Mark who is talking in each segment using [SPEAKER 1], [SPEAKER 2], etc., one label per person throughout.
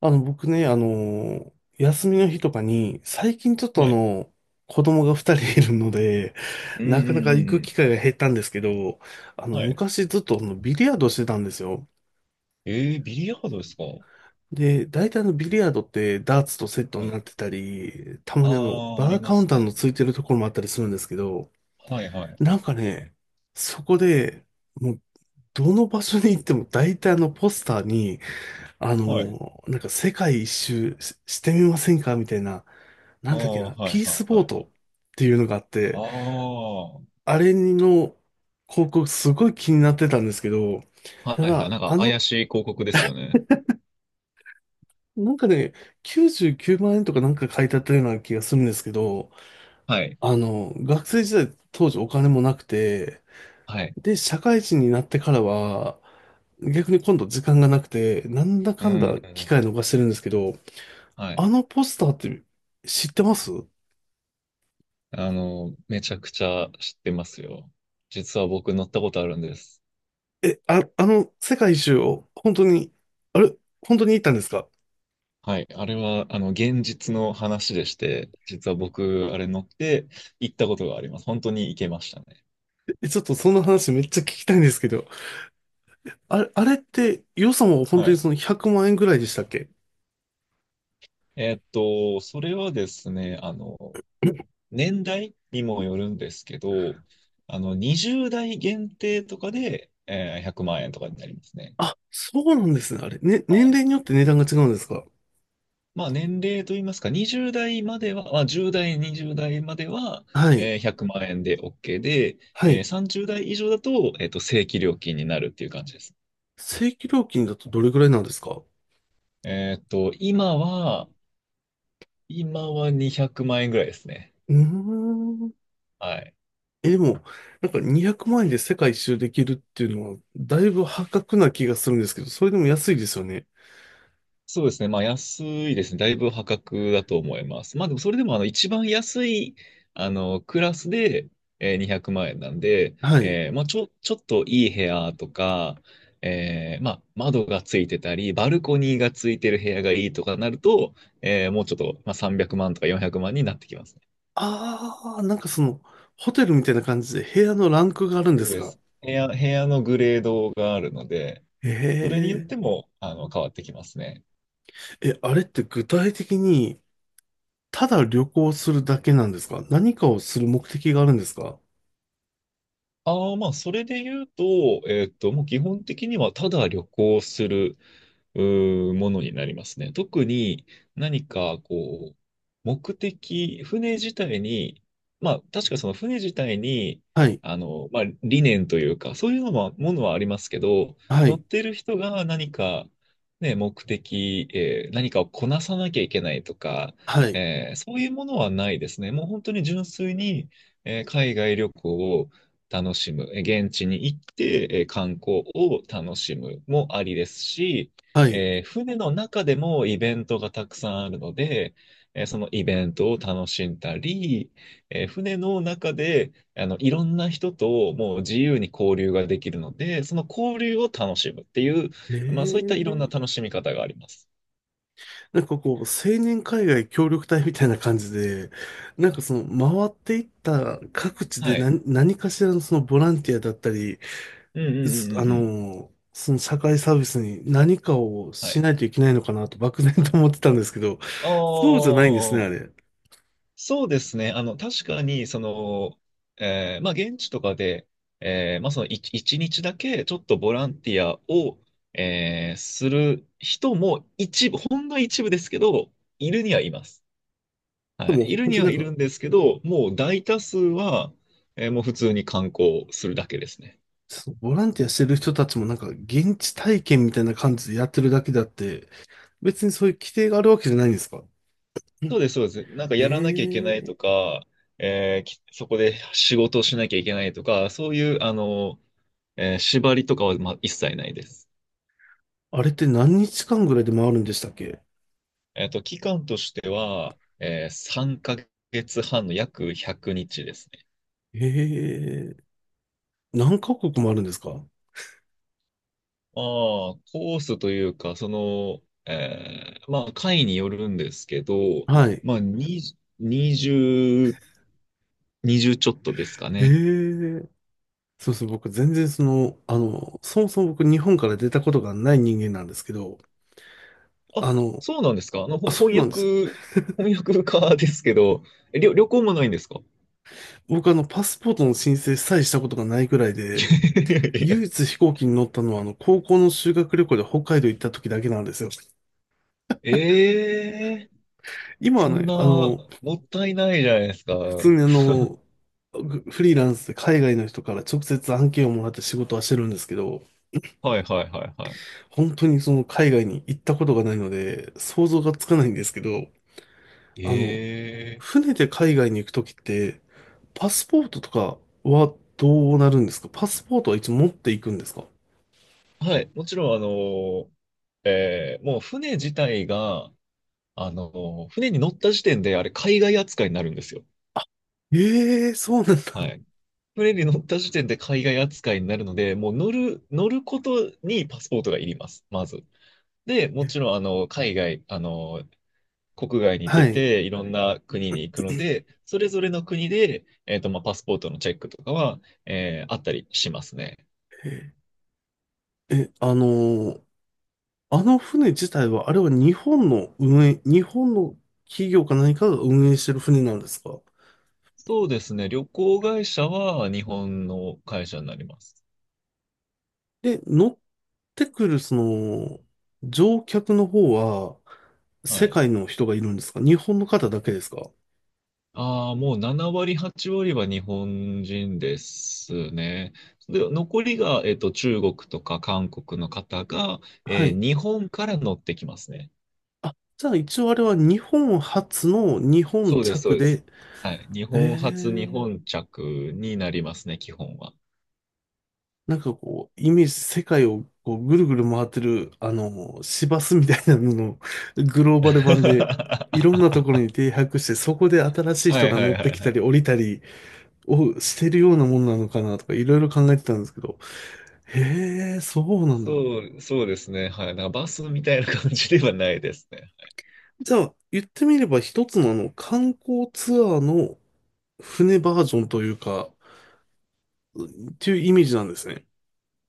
[SPEAKER 1] 僕ね、休みの日とかに、最近ちょっと
[SPEAKER 2] はい。
[SPEAKER 1] 子供が二人いるので、
[SPEAKER 2] うんう
[SPEAKER 1] なかな
[SPEAKER 2] ん
[SPEAKER 1] か
[SPEAKER 2] う
[SPEAKER 1] 行
[SPEAKER 2] んう
[SPEAKER 1] く機
[SPEAKER 2] ん。
[SPEAKER 1] 会が減ったんですけど、
[SPEAKER 2] はい。
[SPEAKER 1] 昔ずっとビリヤードしてたんですよ。
[SPEAKER 2] えビリヤードですか？
[SPEAKER 1] で、大体ビリヤードってダーツとセット
[SPEAKER 2] は
[SPEAKER 1] になっ
[SPEAKER 2] い。
[SPEAKER 1] てたり、たまに
[SPEAKER 2] ああ、あ
[SPEAKER 1] バ
[SPEAKER 2] り
[SPEAKER 1] ーカ
[SPEAKER 2] ま
[SPEAKER 1] ウン
[SPEAKER 2] す
[SPEAKER 1] ター
[SPEAKER 2] ね。
[SPEAKER 1] のついてるところもあったりするんですけど、
[SPEAKER 2] はいはい
[SPEAKER 1] な
[SPEAKER 2] は
[SPEAKER 1] ん
[SPEAKER 2] い。
[SPEAKER 1] かね、そこで、もう、どの場所に行っても大体ポスターに、
[SPEAKER 2] はい。
[SPEAKER 1] なんか世界一周ししてみませんかみたいな、
[SPEAKER 2] あ
[SPEAKER 1] なんだっけ
[SPEAKER 2] あ、
[SPEAKER 1] な、
[SPEAKER 2] はい
[SPEAKER 1] ピー
[SPEAKER 2] は
[SPEAKER 1] ス
[SPEAKER 2] い
[SPEAKER 1] ボ
[SPEAKER 2] は
[SPEAKER 1] ー
[SPEAKER 2] い。
[SPEAKER 1] トっていうのがあっ
[SPEAKER 2] あ
[SPEAKER 1] て、
[SPEAKER 2] あ、は
[SPEAKER 1] あれの広告すごい気になってたんですけど、
[SPEAKER 2] い
[SPEAKER 1] た
[SPEAKER 2] はい。
[SPEAKER 1] だ、
[SPEAKER 2] なんか怪しい広告ですよね。
[SPEAKER 1] なんかね、99万円とかなんか書いてあったような気がするんですけど、
[SPEAKER 2] はい。
[SPEAKER 1] 学生時代当時お金もなくて、
[SPEAKER 2] はい。
[SPEAKER 1] で、社会人になってからは、逆に今度時間がなくて、なんだ
[SPEAKER 2] う
[SPEAKER 1] か
[SPEAKER 2] ん、う
[SPEAKER 1] んだ
[SPEAKER 2] んう
[SPEAKER 1] 機
[SPEAKER 2] ん。
[SPEAKER 1] 会逃してるんですけど、
[SPEAKER 2] は
[SPEAKER 1] あ
[SPEAKER 2] い。
[SPEAKER 1] のポスターって知ってます？
[SPEAKER 2] めちゃくちゃ知ってますよ。実は僕乗ったことあるんです。
[SPEAKER 1] え、あ、あの世界一周を本当に、あれ本当に行ったんですか？
[SPEAKER 2] はい。あれは、現実の話でして、実は僕、あれ乗って行ったことがあります。本当に行けましたね。
[SPEAKER 1] え、ちょっとその話めっちゃ聞きたいんですけど、あれって予算は本当
[SPEAKER 2] は
[SPEAKER 1] に
[SPEAKER 2] い。
[SPEAKER 1] その100万円ぐらいでしたっけ？
[SPEAKER 2] それはですね、年代にもよるんですけど、20代限定とかで、100万円とかになりますね。
[SPEAKER 1] あ、そうなんですね。あれ、ね、
[SPEAKER 2] は
[SPEAKER 1] 年
[SPEAKER 2] い。
[SPEAKER 1] 齢によって値段が違うんですか？
[SPEAKER 2] まあ、年齢といいますか、20代までは、まあ、10代、20代までは、
[SPEAKER 1] はい。
[SPEAKER 2] 100万円で OK で、
[SPEAKER 1] はい。
[SPEAKER 2] 30代以上だと、正規料金になるっていう感じです。
[SPEAKER 1] 正規料金だとどれぐらいなんですか？
[SPEAKER 2] えっと、今は、今は200万円ぐらいですね。
[SPEAKER 1] うーん。
[SPEAKER 2] はい。
[SPEAKER 1] え、でも、なんか200万円で世界一周できるっていうのは、だいぶ破格な気がするんですけど、それでも安いですよね。
[SPEAKER 2] そうですね。まあ、安いですね。だいぶ破格だと思います。まあ、でもそれでも、一番安い、クラスで、200万円なんで、
[SPEAKER 1] はい。
[SPEAKER 2] まあ、ちょっといい部屋とか、まあ、窓がついてたり、バルコニーがついてる部屋がいいとかなると、もうちょっと、まあ、300万とか400万になってきますね。
[SPEAKER 1] ああ、なんかその、ホテルみたいな感じで部屋のランクがあるんで
[SPEAKER 2] そう
[SPEAKER 1] す
[SPEAKER 2] で
[SPEAKER 1] か？
[SPEAKER 2] す。部屋のグレードがあるので、それによっ
[SPEAKER 1] え？
[SPEAKER 2] て
[SPEAKER 1] え？
[SPEAKER 2] も、変わってきますね。
[SPEAKER 1] え、あれって具体的に、ただ旅行するだけなんですか？何かをする目的があるんですか？
[SPEAKER 2] ああ、まあ、それで言うと、もう基本的にはただ旅行する、ものになりますね。特に何か、こう、目的、船自体に、まあ、確かその船自体に、
[SPEAKER 1] はい、
[SPEAKER 2] まあ、理念というか、そういうのも、ものはありますけど、
[SPEAKER 1] は
[SPEAKER 2] 乗
[SPEAKER 1] い、
[SPEAKER 2] ってる人が何か、ね、目的、何かをこなさなきゃいけないとか、
[SPEAKER 1] はい、
[SPEAKER 2] そういうものはないですね。もう本当に純粋に、海外旅行を、楽しむ、現地に行って、観光を楽しむもありですし、
[SPEAKER 1] はい。
[SPEAKER 2] 船の中でもイベントがたくさんあるので、そのイベントを楽しんだり、船の中でいろんな人ともう自由に交流ができるので、その交流を楽しむっていう、
[SPEAKER 1] え
[SPEAKER 2] まあそういったいろんな
[SPEAKER 1] ー、
[SPEAKER 2] 楽しみ方があります。
[SPEAKER 1] なんかこう、青年海外協力隊みたいな感じで、なんかその、回っていった各地で
[SPEAKER 2] はい。
[SPEAKER 1] 何かしらのそのボランティアだったり、
[SPEAKER 2] うんうんう
[SPEAKER 1] す
[SPEAKER 2] んう
[SPEAKER 1] あ
[SPEAKER 2] んう
[SPEAKER 1] の
[SPEAKER 2] ん。
[SPEAKER 1] ー、その社会サービスに何かを
[SPEAKER 2] は
[SPEAKER 1] し
[SPEAKER 2] い。
[SPEAKER 1] ないといけないのかなと漠然と思ってたんですけど、
[SPEAKER 2] あ
[SPEAKER 1] そうじゃ
[SPEAKER 2] あ、
[SPEAKER 1] ないんですね、あれ。
[SPEAKER 2] そうですね。確かに、まあ、現地とかで、まあ、一日だけ、ちょっとボランティアを、する人も一部、ほんの一部ですけど、いるにはいます。
[SPEAKER 1] で
[SPEAKER 2] はい。い
[SPEAKER 1] も
[SPEAKER 2] る
[SPEAKER 1] 本
[SPEAKER 2] に
[SPEAKER 1] 当に
[SPEAKER 2] は
[SPEAKER 1] なん
[SPEAKER 2] い
[SPEAKER 1] か、
[SPEAKER 2] るんですけど、もう大多数は、もう普通に観光するだけですね。
[SPEAKER 1] そのボランティアしてる人たちもなんか現地体験みたいな感じでやってるだけであって、別にそういう規定があるわけじゃないんですか？
[SPEAKER 2] そうです、そうです。なんか
[SPEAKER 1] え
[SPEAKER 2] やらなきゃいけ
[SPEAKER 1] え
[SPEAKER 2] ない
[SPEAKER 1] ー。
[SPEAKER 2] とか、えーきそこで仕事をしなきゃいけないとか、そういう、縛りとかは、まあ、一切ないです。
[SPEAKER 1] あれって何日間ぐらいで回るんでしたっけ？
[SPEAKER 2] 期間としては、3ヶ月半の約100日ですね。
[SPEAKER 1] ええー。何カ国もあるんですか？
[SPEAKER 2] まあ、コースというか、まあ、回によるんですけど、
[SPEAKER 1] はい。
[SPEAKER 2] まあ、20、20 2ちょっとですか
[SPEAKER 1] え
[SPEAKER 2] ね。
[SPEAKER 1] え。そうそう、僕全然その、そもそも僕日本から出たことがない人間なんですけど、
[SPEAKER 2] あ、
[SPEAKER 1] あの、
[SPEAKER 2] そうなんですか。
[SPEAKER 1] あ、
[SPEAKER 2] ほ
[SPEAKER 1] そう
[SPEAKER 2] 翻
[SPEAKER 1] なんです。
[SPEAKER 2] 訳、翻 訳家ですけど、旅行もないんですか？
[SPEAKER 1] 僕パスポートの申請さえしたことがないくらい で、
[SPEAKER 2] いやいや
[SPEAKER 1] 唯一飛行機に乗ったのは高校の修学旅行で北海道行った時だけなんですよ。
[SPEAKER 2] ええ
[SPEAKER 1] 今は
[SPEAKER 2] そん
[SPEAKER 1] ね、
[SPEAKER 2] な、もったいないじゃないですか。
[SPEAKER 1] 普
[SPEAKER 2] はい
[SPEAKER 1] 通にフリーランスで海外の人から直接案件をもらって仕事はしてるんですけど、
[SPEAKER 2] はいはいは
[SPEAKER 1] 本当にその海外に行ったことがないので、想像がつかないんですけど、
[SPEAKER 2] い。
[SPEAKER 1] あの、船で海外に行くときって、パスポートとかはどうなるんですか？パスポートはいつも持っていくんですか？
[SPEAKER 2] はい、もちろん、もう船自体が、船に乗った時点で、あれ、海外扱いになるんですよ。
[SPEAKER 1] ええー、そうなん
[SPEAKER 2] は
[SPEAKER 1] だ。
[SPEAKER 2] い。船に乗った時点で海外扱いになるので、もう乗ることにパスポートがいります、まず。で、もちろん、
[SPEAKER 1] え。
[SPEAKER 2] 海外、国外に
[SPEAKER 1] は
[SPEAKER 2] 出
[SPEAKER 1] い。
[SPEAKER 2] て、いろんな国に行くので、それぞれの国で、まあ、パスポートのチェックとかは、あったりしますね。
[SPEAKER 1] え、えーあの船自体は、あれは日本の運営、日本の企業か何かが運営してる船なんですか？
[SPEAKER 2] そうですね、旅行会社は日本の会社になります。
[SPEAKER 1] で、乗ってくる、その、乗客の方は、
[SPEAKER 2] は
[SPEAKER 1] 世
[SPEAKER 2] い。
[SPEAKER 1] 界の人がいるんですか？日本の方だけですか？
[SPEAKER 2] ああ、もう7割、8割は日本人ですね。で、残りが、中国とか韓国の方が、
[SPEAKER 1] はい。
[SPEAKER 2] 日本から乗ってきますね。
[SPEAKER 1] あ、じゃあ一応あれは日本初の日本
[SPEAKER 2] そうです、そ
[SPEAKER 1] 着
[SPEAKER 2] うです。
[SPEAKER 1] で。
[SPEAKER 2] はい。日
[SPEAKER 1] え
[SPEAKER 2] 本発、日
[SPEAKER 1] ー、
[SPEAKER 2] 本着になりますね、基本は。
[SPEAKER 1] なんかこう、イメージ、世界をこうぐるぐる回ってる、市バスみたいなののグローバル版で、いろん なところに停泊して、そこで新しい
[SPEAKER 2] は
[SPEAKER 1] 人
[SPEAKER 2] い
[SPEAKER 1] が
[SPEAKER 2] は
[SPEAKER 1] 乗
[SPEAKER 2] い
[SPEAKER 1] っ
[SPEAKER 2] は
[SPEAKER 1] て
[SPEAKER 2] い
[SPEAKER 1] き
[SPEAKER 2] は
[SPEAKER 1] た
[SPEAKER 2] い。
[SPEAKER 1] り降りたりをしてるようなもんなのかなとか、いろいろ考えてたんですけど。へえ、そうなんだ。
[SPEAKER 2] そうですね。はい。なんかバスみたいな感じではないですね。
[SPEAKER 1] じゃあ、言ってみれば一つの観光ツアーの船バージョンというか、っていうイメージなんですね。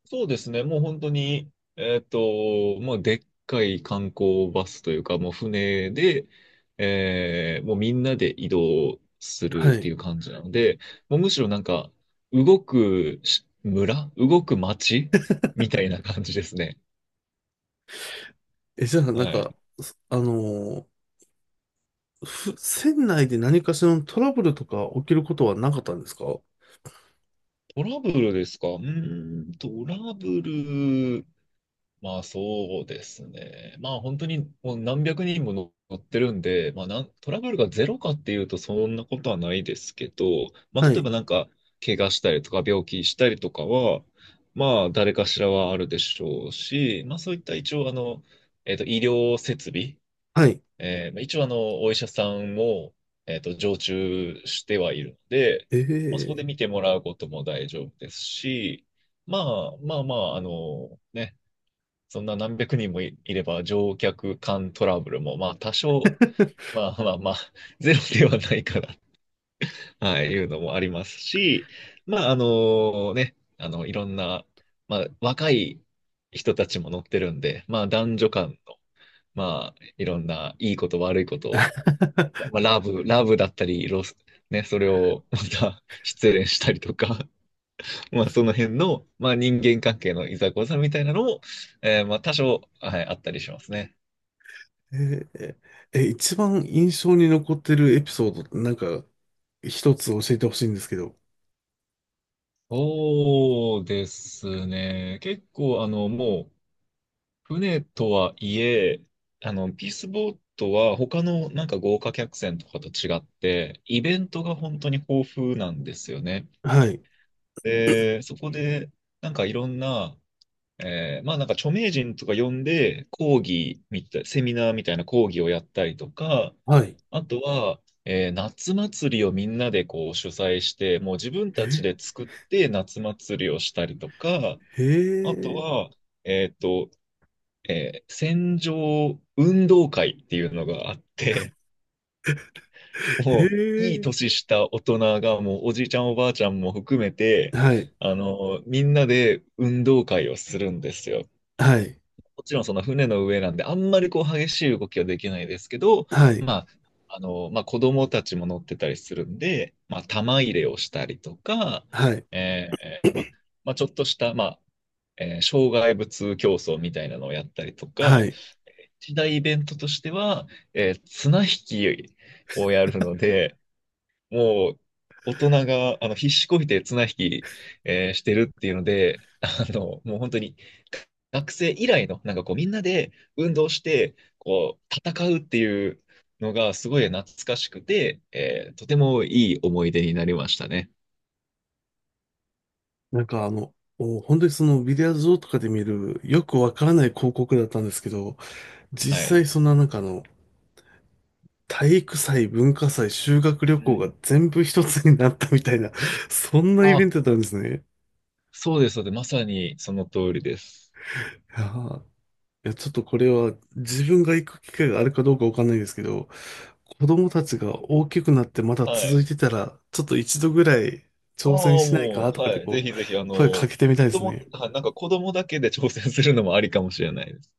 [SPEAKER 2] そうですね。もう本当に、もうでっかい観光バスというか、もう船で、もうみんなで移動す
[SPEAKER 1] は
[SPEAKER 2] るって
[SPEAKER 1] い。
[SPEAKER 2] いう感じなので、もうむしろなんか、動く町みたいな感じですね。
[SPEAKER 1] え、じゃあ、なん
[SPEAKER 2] は
[SPEAKER 1] か、
[SPEAKER 2] い。
[SPEAKER 1] すあのーふ船内で何かしらのトラブルとか起きることはなかったんですか？
[SPEAKER 2] トラブルですか？うーん、トラブル。まあそうですね。まあ本当にもう何百人も乗ってるんで、まあトラブルがゼロかっていうとそんなことはないですけど、まあ
[SPEAKER 1] は
[SPEAKER 2] 例え
[SPEAKER 1] い。
[SPEAKER 2] ばなんか怪我したりとか病気したりとかは、まあ誰かしらはあるでしょうし、まあそういった一応医療設備、
[SPEAKER 1] はい。
[SPEAKER 2] まあ一応お医者さんも、常駐してはいるので、
[SPEAKER 1] え
[SPEAKER 2] まあそこで
[SPEAKER 1] え。
[SPEAKER 2] 見てもらうことも大丈夫ですし、まあまあまあ、ね、そんな何百人もいれば乗客間トラブルも、まあ多少、まあまあまあ、ゼロではないかな、はい、いうのもありますし、まあね、いろんな、まあ若い人たちも乗ってるんで、まあ男女間の、まあいろんないいこと悪いことを、まあ ラブだったり、ロス、ね、それをまた失恋したりとか、まあその辺の、まあ人間関係のいざこざみたいなのも、まあ多少、はい、あったりしますね。
[SPEAKER 1] えーえ、一番印象に残ってるエピソードってなんか一つ教えてほしいんですけど。
[SPEAKER 2] そうですね。結構、もう、船とはいえ、ピースボートは他のなんか豪華客船とかと違って、イベントが本当に豊富なんですよね。
[SPEAKER 1] はい。
[SPEAKER 2] で、そこで、なんかいろんなまあなんか著名人とか呼んで講義みたい、セミナーみたいな講義をやったりとか、
[SPEAKER 1] はい。
[SPEAKER 2] あとは、夏祭りをみんなでこう主催して、もう自分たち
[SPEAKER 1] え、
[SPEAKER 2] で作って夏祭りをしたりとか、
[SPEAKER 1] へ
[SPEAKER 2] あと
[SPEAKER 1] え、
[SPEAKER 2] は、えっと、船上運動会っていうのがあって、
[SPEAKER 1] へ
[SPEAKER 2] もういい
[SPEAKER 1] え、
[SPEAKER 2] 年した大人がもうおじいちゃんおばあちゃんも含めて、
[SPEAKER 1] はい。
[SPEAKER 2] みんなで運動会をするんですよ。
[SPEAKER 1] はい。
[SPEAKER 2] もちろんその船の上なんで、あんまりこう激しい動きはできないですけど、
[SPEAKER 1] はい。
[SPEAKER 2] まあ、まあ子供たちも乗ってたりするんで、まあ玉入れをしたりとか、
[SPEAKER 1] はい。
[SPEAKER 2] まあ、まあちょっとした、まあ、障害物競争みたいなのをやったりとか、
[SPEAKER 1] はい。
[SPEAKER 2] 一大イベントとしては、綱引きをやるので、もう、大人が、必死こいて綱引き、してるっていうので、もう本当に、学生以来の、なんかこう、みんなで運動して、こう、戦うっていうのが、すごい懐かしくて、とてもいい思い出になりましたね。
[SPEAKER 1] なんか本当にそのビデオーとかで見るよくわからない広告だったんですけど、
[SPEAKER 2] は
[SPEAKER 1] 実
[SPEAKER 2] い。
[SPEAKER 1] 際そんななんか体育祭、文化祭、修学旅
[SPEAKER 2] う
[SPEAKER 1] 行が
[SPEAKER 2] ん。
[SPEAKER 1] 全部一つになったみたいな、そんなイベ
[SPEAKER 2] あ、
[SPEAKER 1] ントだったんですね。
[SPEAKER 2] そうです、そうです。まさにその通りです。
[SPEAKER 1] いやー、いや、ちょっとこれは自分が行く機会があるかどうかわかんないですけど、子供たちが大きくなってまだ
[SPEAKER 2] は
[SPEAKER 1] 続い
[SPEAKER 2] い。
[SPEAKER 1] てたら、ちょっと一度ぐらい
[SPEAKER 2] ああ、
[SPEAKER 1] 挑戦しない
[SPEAKER 2] も
[SPEAKER 1] かと
[SPEAKER 2] う、
[SPEAKER 1] か
[SPEAKER 2] は
[SPEAKER 1] で
[SPEAKER 2] い。ぜ
[SPEAKER 1] こ
[SPEAKER 2] ひぜひ、
[SPEAKER 1] う、声かけてみたいですね。
[SPEAKER 2] はい、なんか子供だけで挑戦するのもありかもしれないです。